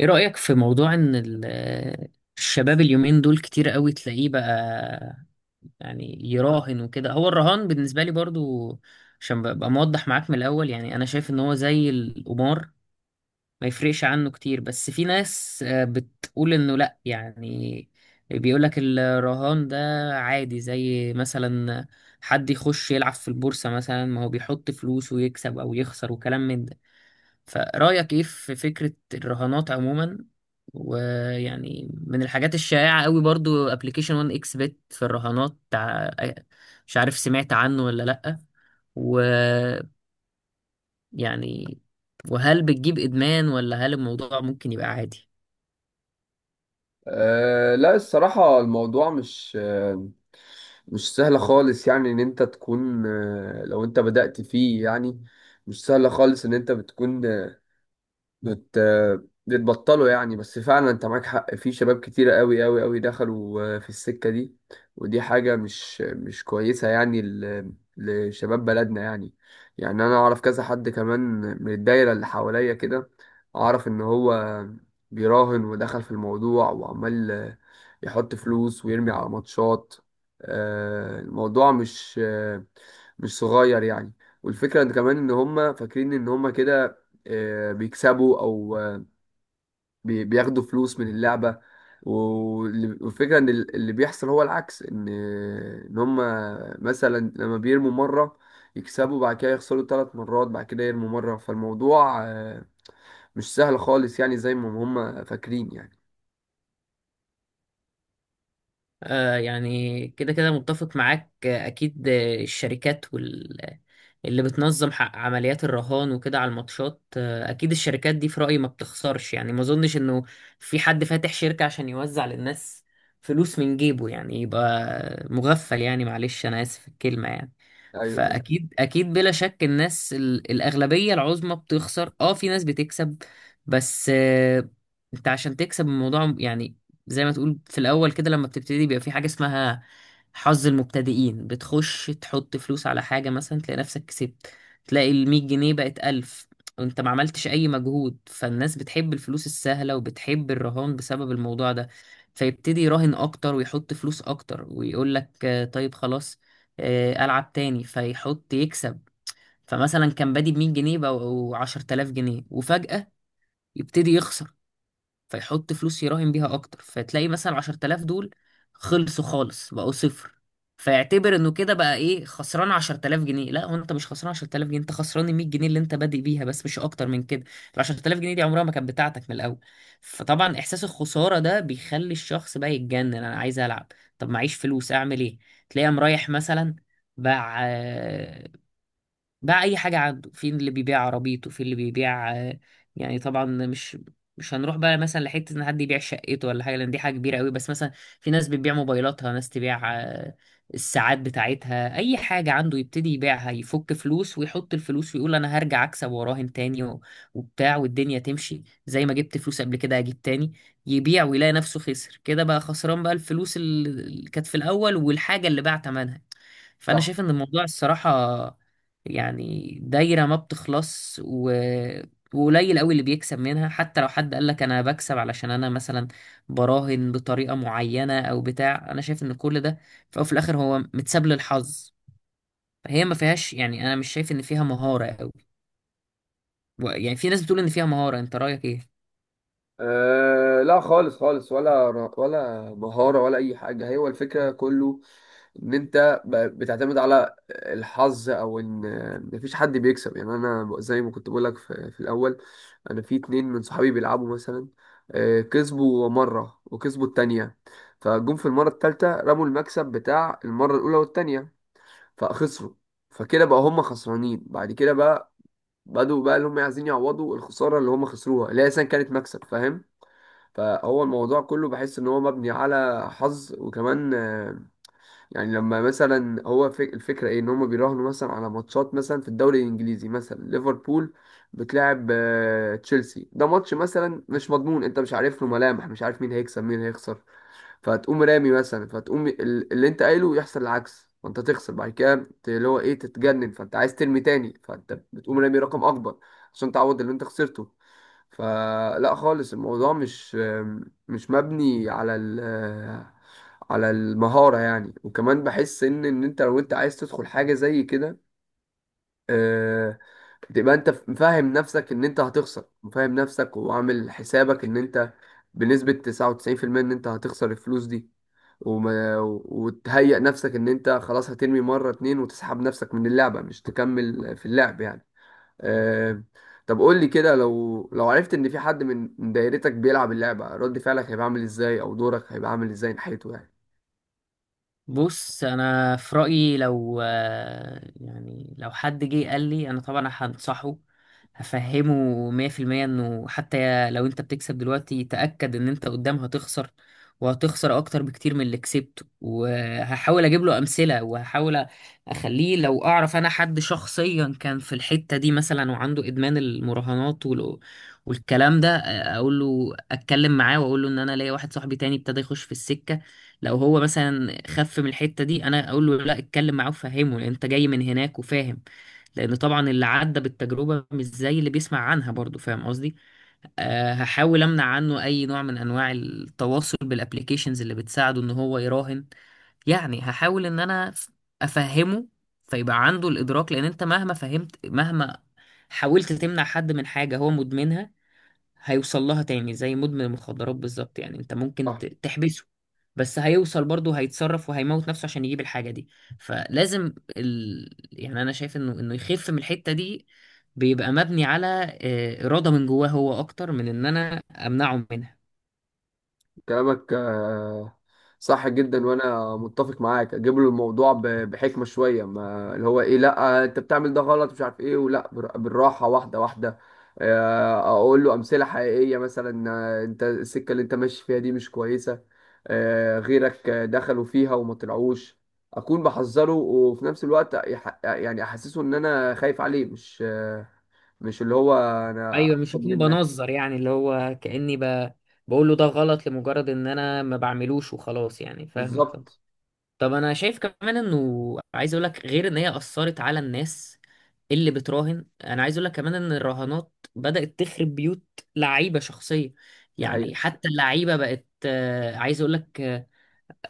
ايه رأيك في موضوع ان الشباب اليومين دول كتير قوي تلاقيه بقى يعني يراهن وكده. هو الرهان بالنسبة لي برضو، عشان ببقى موضح معاك من الاول، يعني انا شايف ان هو زي القمار، ما يفرقش عنه كتير. بس في ناس بتقول انه لا، يعني بيقولك الرهان ده عادي، زي مثلا حد يخش يلعب في البورصة مثلا، ما هو بيحط فلوس ويكسب او يخسر وكلام من ده. فرأيك ايه في فكرة الرهانات عموما؟ ويعني من الحاجات الشائعة قوي برضو ابلكيشن 1 اكس بت في الرهانات مش عارف سمعت عنه ولا لأ؟ ويعني وهل بتجيب إدمان ولا هل الموضوع ممكن يبقى عادي؟ لا، الصراحة الموضوع مش سهل خالص. يعني إن أنت تكون أه لو أنت بدأت فيه، يعني مش سهل خالص إن أنت بتكون بت... بتبطلوا يعني. بس فعلا انت معاك حق، في شباب كتيرة قوي قوي قوي دخلوا في السكة دي، ودي حاجة مش كويسة يعني لشباب بلدنا يعني. يعني انا اعرف كذا حد كمان من الدايرة اللي حواليا كده، اعرف ان هو بيراهن ودخل في الموضوع وعمال يحط فلوس ويرمي على ماتشات. الموضوع مش صغير يعني. والفكرة ان كمان ان هم فاكرين ان هم كده بيكسبوا، او بياخدوا فلوس من اللعبه، والفكره ان اللي بيحصل هو العكس، ان هم مثلا لما بيرموا مره يكسبوا، بعد كده يخسروا 3 مرات، بعد كده يرموا مره. فالموضوع مش سهل خالص يعني زي ما هم فاكرين يعني. يعني كده كده متفق معاك، أكيد. الشركات اللي بتنظم حق عمليات الرهان وكده على الماتشات، أكيد الشركات دي في رأيي ما بتخسرش، يعني ما أظنش إنه في حد فاتح شركة عشان يوزع للناس فلوس من جيبه، يعني يبقى مغفل يعني، معلش أنا آسف في الكلمة يعني. ايوه، ايوه. فأكيد أكيد بلا شك الناس الأغلبية العظمى بتخسر، أه في ناس بتكسب بس. أنت عشان تكسب الموضوع، يعني زي ما تقول، في الاول كده لما بتبتدي بيبقى في حاجه اسمها حظ المبتدئين، بتخش تحط فلوس على حاجه مثلا تلاقي نفسك كسبت. تلاقي ال 100 جنيه بقت 1000، وانت ما عملتش اي مجهود. فالناس بتحب الفلوس السهله وبتحب الرهان بسبب الموضوع ده. فيبتدي يراهن اكتر ويحط فلوس اكتر ويقول لك طيب خلاص، العب تاني، فيحط يكسب. فمثلا كان بادي ب 100 جنيه بقوا 10000 جنيه، وفجأة يبتدي يخسر، فيحط فلوس يراهن بيها اكتر، فتلاقي مثلا 10000 دول خلصوا خالص بقوا صفر. فيعتبر انه كده بقى ايه، خسران 10000 جنيه. لا، هو انت مش خسران 10000 جنيه، انت خسران ال 100 جنيه اللي انت بادئ بيها بس، مش اكتر من كده. ال 10000 جنيه دي عمرها ما كانت بتاعتك من الاول. فطبعا احساس الخساره ده بيخلي الشخص بقى يتجنن، انا عايز العب، طب معيش فلوس اعمل ايه؟ تلاقيه قام رايح مثلا باع، باع اي حاجه عنده. في اللي بيبيع عربيته، في اللي بيبيع يعني طبعا مش هنروح بقى مثلا لحته ان حد يبيع شقته ولا حاجه، لان دي حاجه كبيره قوي، بس مثلا في ناس بتبيع موبايلاتها، ناس تبيع الساعات بتاعتها. اي حاجه عنده يبتدي يبيعها، يفك فلوس ويحط الفلوس ويقول انا هرجع اكسب وراهن تاني وبتاع، والدنيا تمشي، زي ما جبت فلوس قبل كده هجيب تاني. يبيع ويلاقي نفسه خسر كده، بقى خسران بقى الفلوس اللي كانت في الاول والحاجه اللي باع ثمنها. فانا صح. شايف ان الموضوع الصراحه يعني دايره ما بتخلص. وقليل قوي اللي بيكسب منها. حتى لو حد قال لك انا بكسب علشان انا مثلا براهن بطريقه معينه او بتاع، انا شايف ان كل ده في الأول وفي الاخر هو متساب للحظ. فهي ما فيهاش، يعني انا مش شايف ان فيها مهاره قوي. يعني في ناس بتقول ان فيها مهاره، انت رايك ايه؟ لا خالص خالص، ولا مهارة ولا أي حاجة، هي هو الفكرة كله إن أنت بتعتمد على الحظ، أو إن مفيش حد بيكسب يعني. أنا زي ما كنت بقولك في الأول، أنا في 2 من صحابي بيلعبوا مثلا. كسبوا مرة وكسبوا التانية، فجم في المرة التالتة رموا المكسب بتاع المرة الأولى والتانية فخسروا. فكده بقى هم خسرانين، بعد كده بقى بدوا بقى اللي هم عايزين يعوضوا الخسارة اللي هم خسروها، اللي هي أساسا كانت مكسب، فاهم؟ فهو الموضوع كله، بحس ان هو مبني على حظ. وكمان يعني لما مثلا هو الفكره ايه، ان هم بيراهنوا مثلا على ماتشات مثلا في الدوري الانجليزي، مثلا ليفربول بتلاعب تشيلسي، ده ماتش مثلا مش مضمون، انت مش عارف له ملامح، مش عارف مين هيكسب مين هيخسر. فتقوم رامي مثلا، فتقوم اللي انت قايله يحصل العكس، فانت تخسر، بعد كده ت- اللي هو ايه تتجنن، فانت عايز ترمي تاني، فانت بتقوم رامي رقم اكبر عشان تعوض اللي انت خسرته. فلا خالص، الموضوع مش مبني على المهارة يعني. وكمان بحس ان انت لو انت عايز تدخل حاجة زي كده، آه، بتبقى انت فاهم نفسك ان انت هتخسر، وفاهم نفسك وعامل حسابك ان انت بنسبة 99% ان انت هتخسر الفلوس دي، وما وتهيأ نفسك ان انت خلاص هترمي مرة اتنين وتسحب نفسك من اللعبة، مش تكمل في اللعب يعني. آه، طب قول لي كده، لو عرفت ان في حد من دايرتك بيلعب اللعبة، رد فعلك هيبقى عامل ازاي، او دورك هيبقى عامل ازاي ناحيته يعني؟ بص انا في رايي، لو يعني لو حد جه قال لي، انا طبعا هنصحه، هفهمه 100% انه حتى لو انت بتكسب دلوقتي، تاكد ان انت قدام هتخسر، وهتخسر اكتر بكتير من اللي كسبته. وهحاول اجيب له امثله، وهحاول اخليه، لو اعرف انا حد شخصيا كان في الحته دي مثلا وعنده ادمان المراهنات والكلام ده، اقول له اتكلم معاه، واقول له ان انا ليا واحد صاحبي تاني ابتدى يخش في السكه، لو هو مثلا خف من الحتة دي. انا اقول له لا اتكلم معاه وفهمه، لان انت جاي من هناك وفاهم، لان طبعا اللي عدى بالتجربة مش زي اللي بيسمع عنها برضو، فاهم قصدي؟ أه هحاول امنع عنه اي نوع من انواع التواصل بالابليكيشنز اللي بتساعده ان هو يراهن. يعني هحاول ان انا افهمه، فيبقى عنده الادراك، لان انت مهما فهمت، مهما حاولت تمنع حد من حاجة هو مدمنها هيوصل لها تاني. زي مدمن المخدرات بالظبط، يعني انت ممكن تحبسه، بس هيوصل برضه، هيتصرف وهيموت نفسه عشان يجيب الحاجة دي. فلازم يعني انا شايف انه يخف من الحتة دي بيبقى مبني على إرادة من جواه هو اكتر من ان انا امنعه منها. كلامك صح جدا وانا متفق معاك. اجيب له الموضوع بحكمه شويه، ما اللي هو ايه، لا انت بتعمل ده غلط مش عارف ايه، ولا بالراحه واحده واحده. اقول له امثله حقيقيه، مثلا انت السكه اللي انت ماشي فيها دي مش كويسه، غيرك دخلوا فيها وما طلعوش. اكون بحذره وفي نفس الوقت يعني احسسه ان انا خايف عليه، مش اللي هو انا ايوه مش احسن هكون منك. بنظر، يعني اللي هو كأني بقول له ده غلط لمجرد ان انا ما بعملوش وخلاص، يعني فاهمك طبعا. بالظبط. طب انا شايف كمان انه، عايز اقول لك، غير ان هي اثرت على الناس اللي بتراهن، انا عايز اقول لك كمان ان الرهانات بدأت تخرب بيوت لعيبة شخصية. دي يعني حقيقه. حتى اللعيبة بقت عايز اقول لك،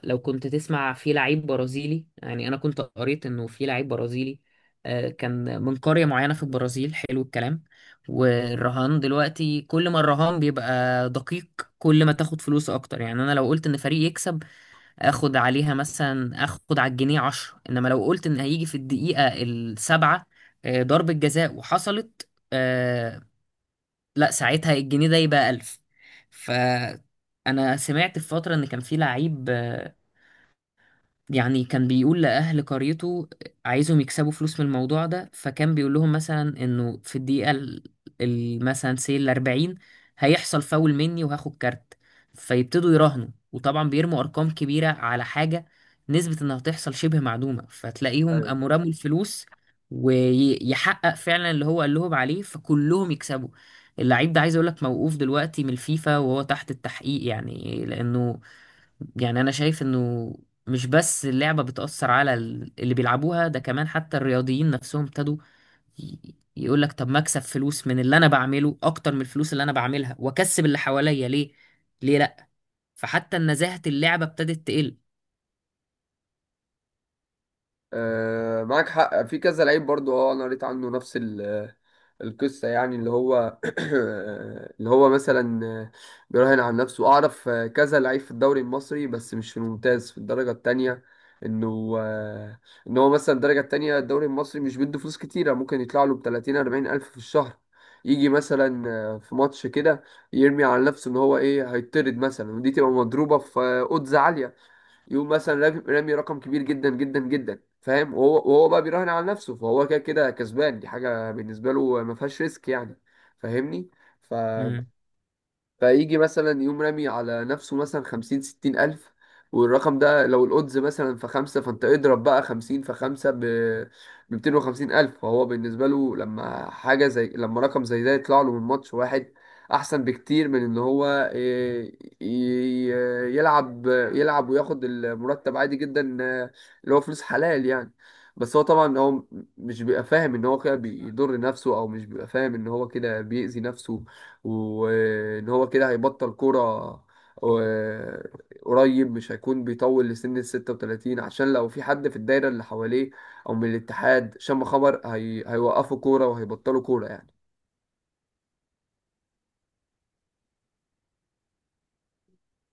لو كنت تسمع في لعيب برازيلي، يعني انا كنت قريت انه في لعيب برازيلي كان من قرية معينة في البرازيل. حلو الكلام. والرهان دلوقتي كل ما الرهان بيبقى دقيق كل ما تاخد فلوس اكتر. يعني انا لو قلت ان فريق يكسب اخد عليها مثلا، اخد على الجنيه عشرة، انما لو قلت ان هيجي في الدقيقة السابعة ضربة جزاء وحصلت لا ساعتها الجنيه ده يبقى ألف. فأنا سمعت في فترة إن كان في لعيب يعني كان بيقول لأهل قريته، عايزهم يكسبوا فلوس من الموضوع ده، فكان بيقول لهم مثلا إنه في الدقيقة مثلا سي 40 هيحصل فاول مني وهاخد كارت. فيبتدوا يراهنوا، وطبعا بيرموا أرقام كبيرة على حاجة نسبة إنها تحصل شبه معدومة، فتلاقيهم أيوه. قاموا رموا الفلوس ويحقق فعلا اللي هو قال لهم عليه، فكلهم يكسبوا. اللعيب ده عايز أقول لك موقوف دلوقتي من الفيفا وهو تحت التحقيق، يعني لأنه، يعني انا شايف انه مش بس اللعبة بتأثر على اللي بيلعبوها، ده كمان حتى الرياضيين نفسهم ابتدوا يقول لك طب ما اكسب فلوس من اللي انا بعمله اكتر من الفلوس اللي انا بعملها، واكسب اللي حواليا، ليه لا؟ فحتى نزاهة اللعبة ابتدت تقل. آه، معاك حق في كذا لعيب برضو، انا قريت عنه نفس القصة يعني. اللي هو اللي هو مثلا بيراهن على نفسه. اعرف كذا لعيب في الدوري المصري، بس مش في الممتاز، في الدرجة التانية. انه آه، ان هو مثلا الدرجة التانية الدوري المصري مش بيدوا فلوس كتيرة، ممكن يطلع له ب 30 40 الف في الشهر. يجي مثلا في ماتش كده، يرمي على نفسه ان هو ايه هيطرد مثلا، ودي تبقى مضروبة في odds عالية. يقوم مثلا رامي رقم كبير جدا جدا جدا، فاهم؟ وهو بقى بيراهن على نفسه، فهو كده كده كسبان، دي حاجه بالنسبه له ما فيهاش ريسك يعني. فاهمني؟ ف فيجي مثلا يقوم رامي على نفسه مثلا 50 60 ألف، والرقم ده لو الأودز مثلا في 5، فأنت اضرب بقى 50 في 5 بميتين وخمسين ألف، فهو بالنسبة له لما حاجة زي لما رقم زي ده يطلع له من ماتش واحد، أحسن بكتير من إن هو إيه، ي- ي- يلعب يلعب وياخد المرتب عادي جدا اللي هو فلوس حلال يعني. بس هو طبعا هو مش بيبقى فاهم إن هو كده بيضر نفسه، أو مش بيبقى فاهم إن هو كده بيأذي نفسه، وان هو كده هيبطل كوره. آه، قريب مش هيكون بيطول لسن ال 36، عشان لو في حد في الدايره اللي حواليه او من الاتحاد شم خبر هيوقفوا كوره وهيبطلوا كوره يعني.